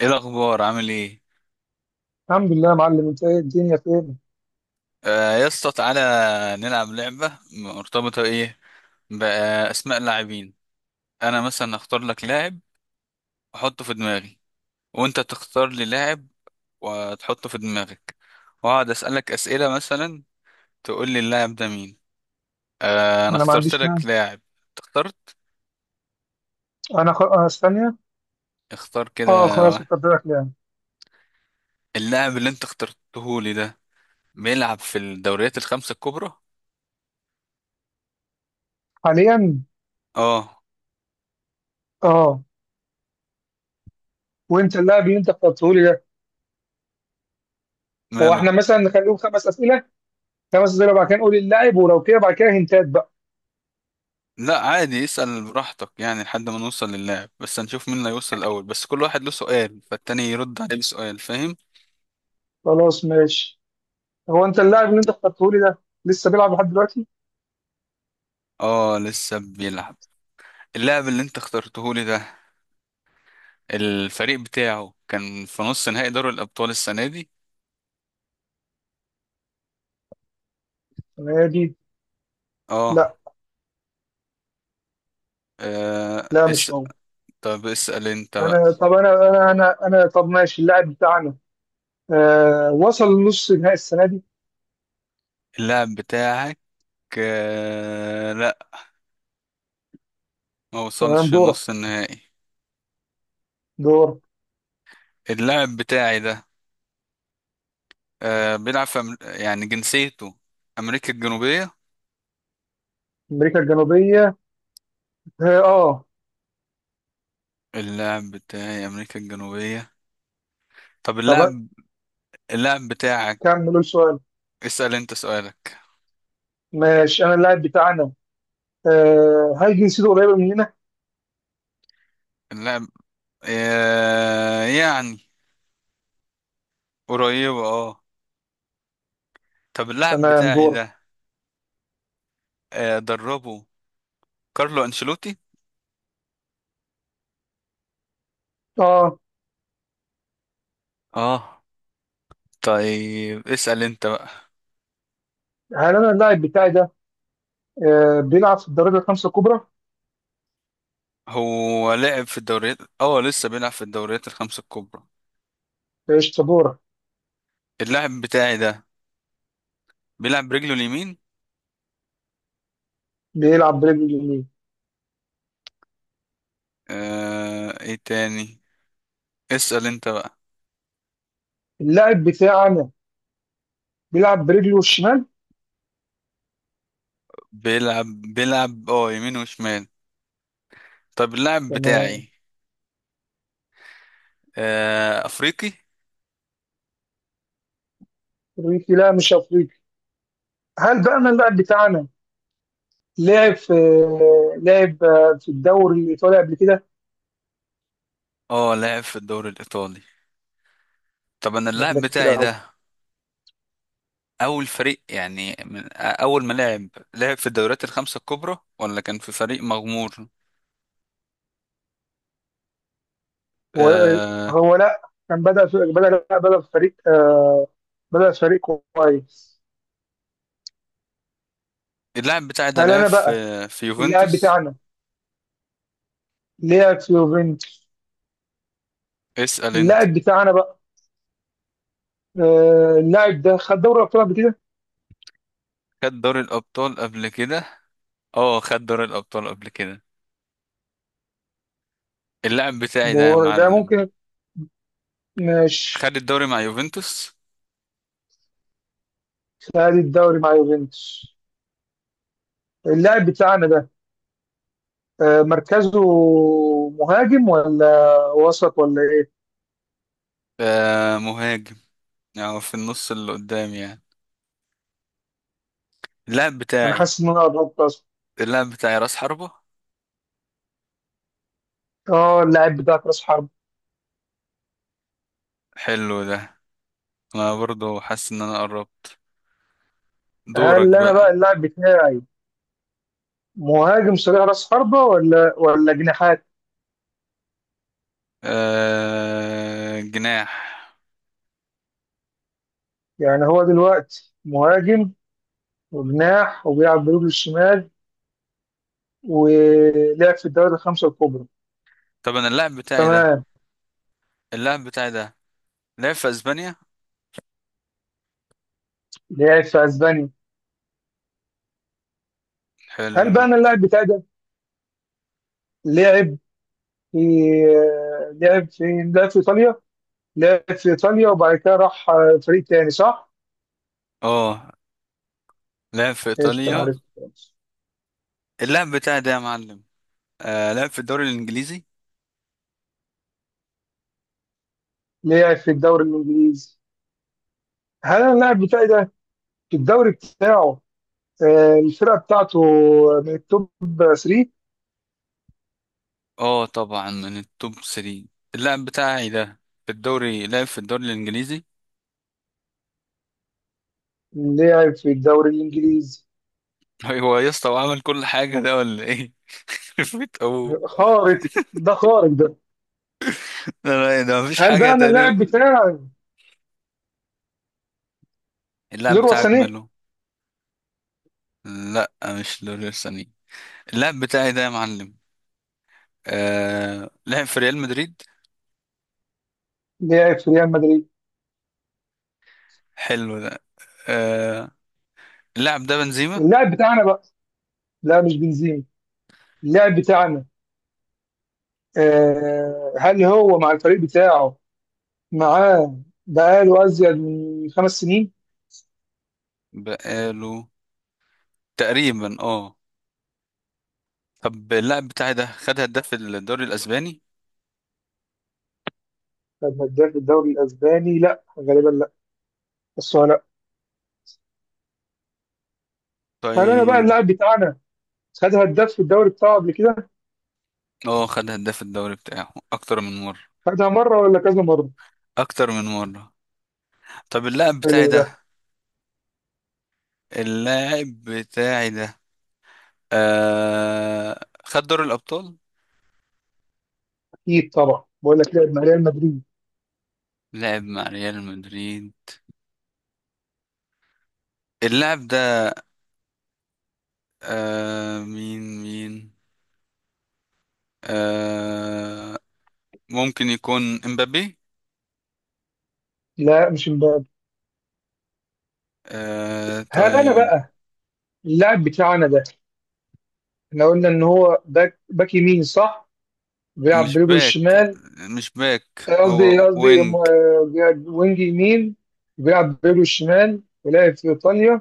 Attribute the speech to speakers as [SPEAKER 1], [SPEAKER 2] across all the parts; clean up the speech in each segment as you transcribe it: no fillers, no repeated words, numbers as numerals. [SPEAKER 1] ايه الاخبار؟ عامل ايه؟
[SPEAKER 2] الحمد لله يا معلم، انت ايه؟ الدنيا فين؟
[SPEAKER 1] آه يا اسطى تعالى نلعب لعبه. مرتبطه ايه؟ باسماء اللاعبين. انا مثلا اختار لك لاعب واحطه في دماغي، وانت تختار لي لاعب وتحطه في دماغك، واقعد اسالك اسئله. مثلا تقول لي اللاعب ده مين. آه انا
[SPEAKER 2] انا ما
[SPEAKER 1] اخترت
[SPEAKER 2] عنديش مانع.
[SPEAKER 1] لك لاعب. أنت اخترت؟
[SPEAKER 2] انا خ... آه، ثانية.
[SPEAKER 1] اختار
[SPEAKER 2] اه
[SPEAKER 1] كده
[SPEAKER 2] خلاص،
[SPEAKER 1] واحد.
[SPEAKER 2] اتفقنا يعني.
[SPEAKER 1] اللاعب اللي انت اخترته لي ده بيلعب في الدوريات الخمسه الكبرى.
[SPEAKER 2] حاليا.
[SPEAKER 1] اه.
[SPEAKER 2] اه. وانت اللاعب اللي انت اخترته لي ده، هو
[SPEAKER 1] ماله؟
[SPEAKER 2] احنا مثلا نخليهم خمس اسئلة؟ خمس اسئلة بعد كده نقول اللاعب، ولو كده بعد كده هنتات بقى.
[SPEAKER 1] لا عادي، اسأل براحتك يعني لحد ما نوصل للاعب، بس هنشوف مين اللي هيوصل الأول. بس كل واحد له سؤال، فالتاني يرد عليه بسؤال، فاهم؟
[SPEAKER 2] خلاص ماشي. هو انت اللاعب اللي انت اخترته لي ده لسه بيلعب لحد دلوقتي؟
[SPEAKER 1] اه لسه بيلعب. اللاعب اللي انت اخترته لي ده الفريق بتاعه كان في نص نهائي دوري الأبطال السنة دي.
[SPEAKER 2] نادي؟ لا.
[SPEAKER 1] اه. آه،
[SPEAKER 2] لا مش
[SPEAKER 1] اس...
[SPEAKER 2] هو.
[SPEAKER 1] طب اسأل انت بقى.
[SPEAKER 2] انا طب انا انا انا, أنا طب ماشي. اللاعب بتاعنا، وصل لنص نهائي السنة دي؟
[SPEAKER 1] اللاعب بتاعك لا، ما
[SPEAKER 2] تمام.
[SPEAKER 1] وصلش
[SPEAKER 2] دورة
[SPEAKER 1] نص النهائي.
[SPEAKER 2] دورة
[SPEAKER 1] اللاعب بتاعي ده بيلعب في يعني جنسيته أمريكا الجنوبية.
[SPEAKER 2] امريكا الجنوبية. اه.
[SPEAKER 1] اللاعب بتاعي أمريكا الجنوبية. طب
[SPEAKER 2] طب
[SPEAKER 1] اللاعب، اللاعب بتاعك،
[SPEAKER 2] كملوا السؤال.
[SPEAKER 1] اسأل أنت سؤالك.
[SPEAKER 2] ماشي، انا اللاعب بتاعنا، هل جنسيته قريبه مننا؟
[SPEAKER 1] اللاعب يعني قريبة، اه. طب اللاعب
[SPEAKER 2] تمام.
[SPEAKER 1] بتاعي
[SPEAKER 2] دور.
[SPEAKER 1] ده دربه كارلو أنشيلوتي.
[SPEAKER 2] اه.
[SPEAKER 1] اه. طيب اسأل أنت بقى.
[SPEAKER 2] هل انا اللاعب بتاعي ده بيلعب في الدرجه الخمسه الكبرى؟
[SPEAKER 1] هو لعب في الدوريات، اه لسه بيلعب في الدوريات الخمسة الكبرى.
[SPEAKER 2] قشطه، دور.
[SPEAKER 1] اللاعب بتاعي ده بيلعب برجله اليمين.
[SPEAKER 2] بيلعب برجله اليمين.
[SPEAKER 1] ايه تاني؟ اسأل أنت بقى.
[SPEAKER 2] اللاعب بتاعنا بيلعب برجله الشمال.
[SPEAKER 1] بيلعب اه يمين وشمال. طب اللاعب
[SPEAKER 2] تمام.
[SPEAKER 1] بتاعي افريقي.
[SPEAKER 2] افريقي؟ لا مش افريقي. هل بقى انا اللاعب بتاعنا لعب في لعب في الدوري الايطالي قبل كده؟
[SPEAKER 1] اه لاعب في الدوري الايطالي. طب انا
[SPEAKER 2] ده
[SPEAKER 1] اللاعب
[SPEAKER 2] كده كتير
[SPEAKER 1] بتاعي
[SPEAKER 2] قوي.
[SPEAKER 1] ده اول فريق، يعني من اول ما لعب، لعب في الدوريات الخمسه الكبرى ولا كان في فريق مغمور؟
[SPEAKER 2] هو
[SPEAKER 1] آه.
[SPEAKER 2] هو لا. كان بدأ في بدأ لا بدأ في فريق كويس.
[SPEAKER 1] اللاعب بتاعي ده
[SPEAKER 2] هل
[SPEAKER 1] لعب
[SPEAKER 2] انا
[SPEAKER 1] في
[SPEAKER 2] بقى اللاعب
[SPEAKER 1] يوفنتوس.
[SPEAKER 2] بتاعنا لعب في يوفنتوس؟
[SPEAKER 1] اسال انت.
[SPEAKER 2] اللاعب بتاعنا بقى، اللاعب ده خد دوري ابطال قبل كده؟
[SPEAKER 1] خد دوري الابطال قبل كده؟ اه خد دوري الابطال قبل كده. اللاعب بتاعي ده يا
[SPEAKER 2] ده
[SPEAKER 1] معلم
[SPEAKER 2] ممكن. ماشي.
[SPEAKER 1] خد الدوري مع يوفنتوس.
[SPEAKER 2] خد الدوري مع يوفنتوس. اللاعب بتاعنا ده، مركزه مهاجم ولا وسط ولا ايه؟
[SPEAKER 1] آه مهاجم، يعني في النص اللي قدام يعني. اللاعب
[SPEAKER 2] انا
[SPEAKER 1] بتاعي،
[SPEAKER 2] حاسس ان انا قربت اصلا.
[SPEAKER 1] اللاعب بتاعي راس حربة.
[SPEAKER 2] اه اللاعب بتاعك راس حرب.
[SPEAKER 1] حلو ده. انا برضو حاسس ان انا قربت.
[SPEAKER 2] هل
[SPEAKER 1] دورك
[SPEAKER 2] انا بقى
[SPEAKER 1] بقى.
[SPEAKER 2] اللاعب بتاعي مهاجم صريح راس حربة ولا جناحات؟
[SPEAKER 1] جناح.
[SPEAKER 2] يعني هو دلوقتي مهاجم وجناح وبيلعب برجله الشمال ولعب في الدوري الخمسه الكبرى.
[SPEAKER 1] طب انا اللاعب بتاعي ده،
[SPEAKER 2] تمام.
[SPEAKER 1] اللاعب بتاعي ده لعب في اسبانيا.
[SPEAKER 2] لعب في اسبانيا. هل بقى
[SPEAKER 1] حلو.
[SPEAKER 2] انا اللاعب بتاعي ده لعب في لعب في لعب في ايطاليا؟ لعب في ايطاليا وبعد كده راح فريق تاني، صح؟
[SPEAKER 1] اه لعب في
[SPEAKER 2] ايش كان
[SPEAKER 1] ايطاليا.
[SPEAKER 2] عارف.
[SPEAKER 1] اللاعب بتاعي ده يا معلم لعب في الدوري الانجليزي.
[SPEAKER 2] لعب في الدوري الانجليزي. هل انا اللاعب بتاعي ده في الدوري بتاعه، الفرقه بتاعته من التوب 3؟
[SPEAKER 1] اه طبعا من التوب 3. اللاعب بتاعي ده في الدوري، لعب في الدوري الانجليزي.
[SPEAKER 2] لعب في الدوري الانجليزي.
[SPEAKER 1] هو يا اسطى وعمل كل حاجه ده ولا ايه؟ فيت ابوه.
[SPEAKER 2] خارق، ده خارق ده.
[SPEAKER 1] لا لا، ده مفيش
[SPEAKER 2] هل
[SPEAKER 1] حاجه
[SPEAKER 2] بقى انا
[SPEAKER 1] تقريبا.
[SPEAKER 2] اللاعب بتاعي
[SPEAKER 1] اللاعب
[SPEAKER 2] ليروي
[SPEAKER 1] بتاعك
[SPEAKER 2] سانيه؟
[SPEAKER 1] ماله؟ لا مش دوري. اللاعب بتاعي ده يا معلم آه لعب في ريال مدريد.
[SPEAKER 2] لعب في ريال مدريد.
[SPEAKER 1] حلو ده. آه اللاعب ده بنزيما.
[SPEAKER 2] اللاعب بتاعنا بقى، لا مش بنزيما. اللاعب بتاعنا، هل هو مع الفريق بتاعه، معاه بقاله ازيد من 5 سنين؟
[SPEAKER 1] بقاله تقريبا، اه. طب اللاعب بتاعي ده خد هداف الدوري الاسباني.
[SPEAKER 2] خد هداف الدوري الاسباني؟ لا غالبا لا. بس هو لا. هل انا بقى
[SPEAKER 1] طيب.
[SPEAKER 2] اللاعب بتاعنا خد هداف في الدوري بتاعه قبل كده؟
[SPEAKER 1] اه خد هداف الدوري بتاعه اكتر من مرة.
[SPEAKER 2] خدها مره ولا كذا مره؟
[SPEAKER 1] اكتر من مرة. طب اللاعب بتاعي
[SPEAKER 2] حلو ده.
[SPEAKER 1] ده، اللاعب بتاعي ده آه خد دوري الابطال،
[SPEAKER 2] اكيد طبعا، بقول لك لعب مع ريال مدريد.
[SPEAKER 1] لعب مع ريال مدريد. اللاعب ده آه مين آه... ممكن يكون امبابي.
[SPEAKER 2] لا مش امبابي.
[SPEAKER 1] آه
[SPEAKER 2] هل انا
[SPEAKER 1] طيب.
[SPEAKER 2] بقى اللاعب بتاعنا ده، احنا قلنا ان هو باك يمين، صح؟ بيلعب
[SPEAKER 1] مش
[SPEAKER 2] برجله
[SPEAKER 1] باك،
[SPEAKER 2] الشمال.
[SPEAKER 1] مش باك،
[SPEAKER 2] قصدي
[SPEAKER 1] هو
[SPEAKER 2] قصدي
[SPEAKER 1] وينج.
[SPEAKER 2] م- بيلعب وينج يمين. بيلعب بيرو الشمال ولعب في ايطاليا.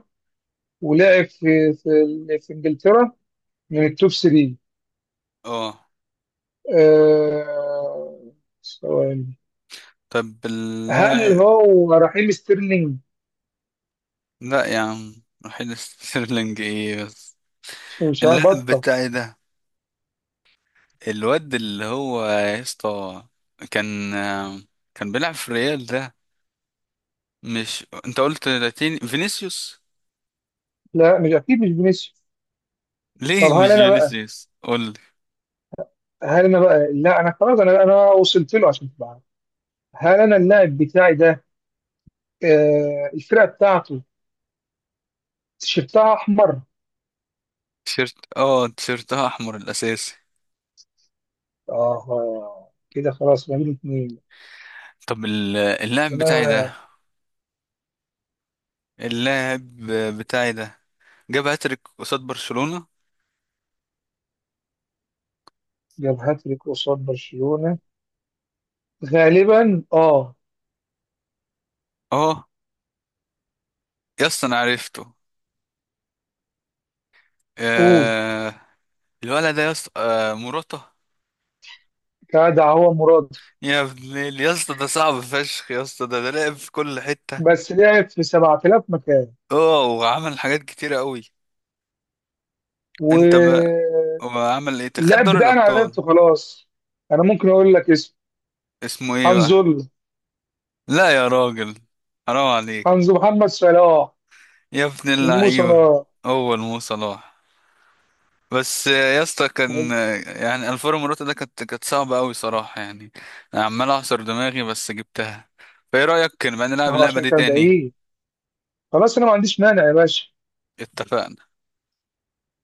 [SPEAKER 2] ولعب في انجلترا من التوب 3.
[SPEAKER 1] اه
[SPEAKER 2] آه، سؤال.
[SPEAKER 1] طب
[SPEAKER 2] هل
[SPEAKER 1] اللاعب،
[SPEAKER 2] هو رحيم ستيرلينج؟
[SPEAKER 1] لا يا عم، رحيل ستيرلينج ايه بس.
[SPEAKER 2] مش
[SPEAKER 1] اللاعب
[SPEAKER 2] هبطة.
[SPEAKER 1] بتاعي ده الواد اللي هو يا اسطى كان كان بيلعب في ريال ده. مش انت قلت لاتيني؟ فينيسيوس.
[SPEAKER 2] لا مش اكيد، مش فينيسيوس. طب
[SPEAKER 1] ليه
[SPEAKER 2] هل
[SPEAKER 1] مش
[SPEAKER 2] انا بقى
[SPEAKER 1] فينيسيوس؟ قول لي.
[SPEAKER 2] هل انا بقى لا انا خلاص، انا وصلت له عشان تبقى عارف. هل انا اللاعب بتاعي ده، الفرقه بتاعته تيشيرتها احمر؟
[SPEAKER 1] تيشيرت، اه تيشيرتها احمر الاساسي.
[SPEAKER 2] اه كده خلاص ما بين اتنين.
[SPEAKER 1] طب اللاعب بتاعي
[SPEAKER 2] انا
[SPEAKER 1] ده، اللاعب بتاعي ده جاب هاتريك قصاد برشلونة.
[SPEAKER 2] جاب هاتريك قصاد برشلونة؟ غالبا اه.
[SPEAKER 1] اه. يا اسطى انا عرفته.
[SPEAKER 2] قول.
[SPEAKER 1] آه الولد ده يا اسطى آه مراته.
[SPEAKER 2] كده هو مراد.
[SPEAKER 1] يا اسطى ده صعب فشخ يا اسطى. ده لعب في كل حتة.
[SPEAKER 2] بس لعب في 7000 مكان.
[SPEAKER 1] اه وعمل حاجات كتيرة قوي. انت ما
[SPEAKER 2] واللعب،
[SPEAKER 1] وعمل ايه، خد دوري
[SPEAKER 2] ده انا
[SPEAKER 1] الابطال.
[SPEAKER 2] عرفته خلاص. انا ممكن اقول لك اسم.
[SPEAKER 1] اسمه ايه بقى؟
[SPEAKER 2] هنزل
[SPEAKER 1] لا يا راجل، حرام عليك.
[SPEAKER 2] هنزل محمد صلاح.
[SPEAKER 1] يا ابن
[SPEAKER 2] المو
[SPEAKER 1] اللعيبة.
[SPEAKER 2] صلاح.
[SPEAKER 1] هو المو صلاح. بس يا اسطى كان، يعني الفورو موروتا ده كانت صعبة قوي صراحة يعني. انا عمال اعصر دماغي بس جبتها. فايه رأيك، كان بقى نلعب
[SPEAKER 2] ما هو
[SPEAKER 1] اللعبة
[SPEAKER 2] عشان
[SPEAKER 1] دي
[SPEAKER 2] كان
[SPEAKER 1] تاني؟
[SPEAKER 2] بعيد. خلاص انا ما عنديش مانع يا باشا.
[SPEAKER 1] اتفقنا.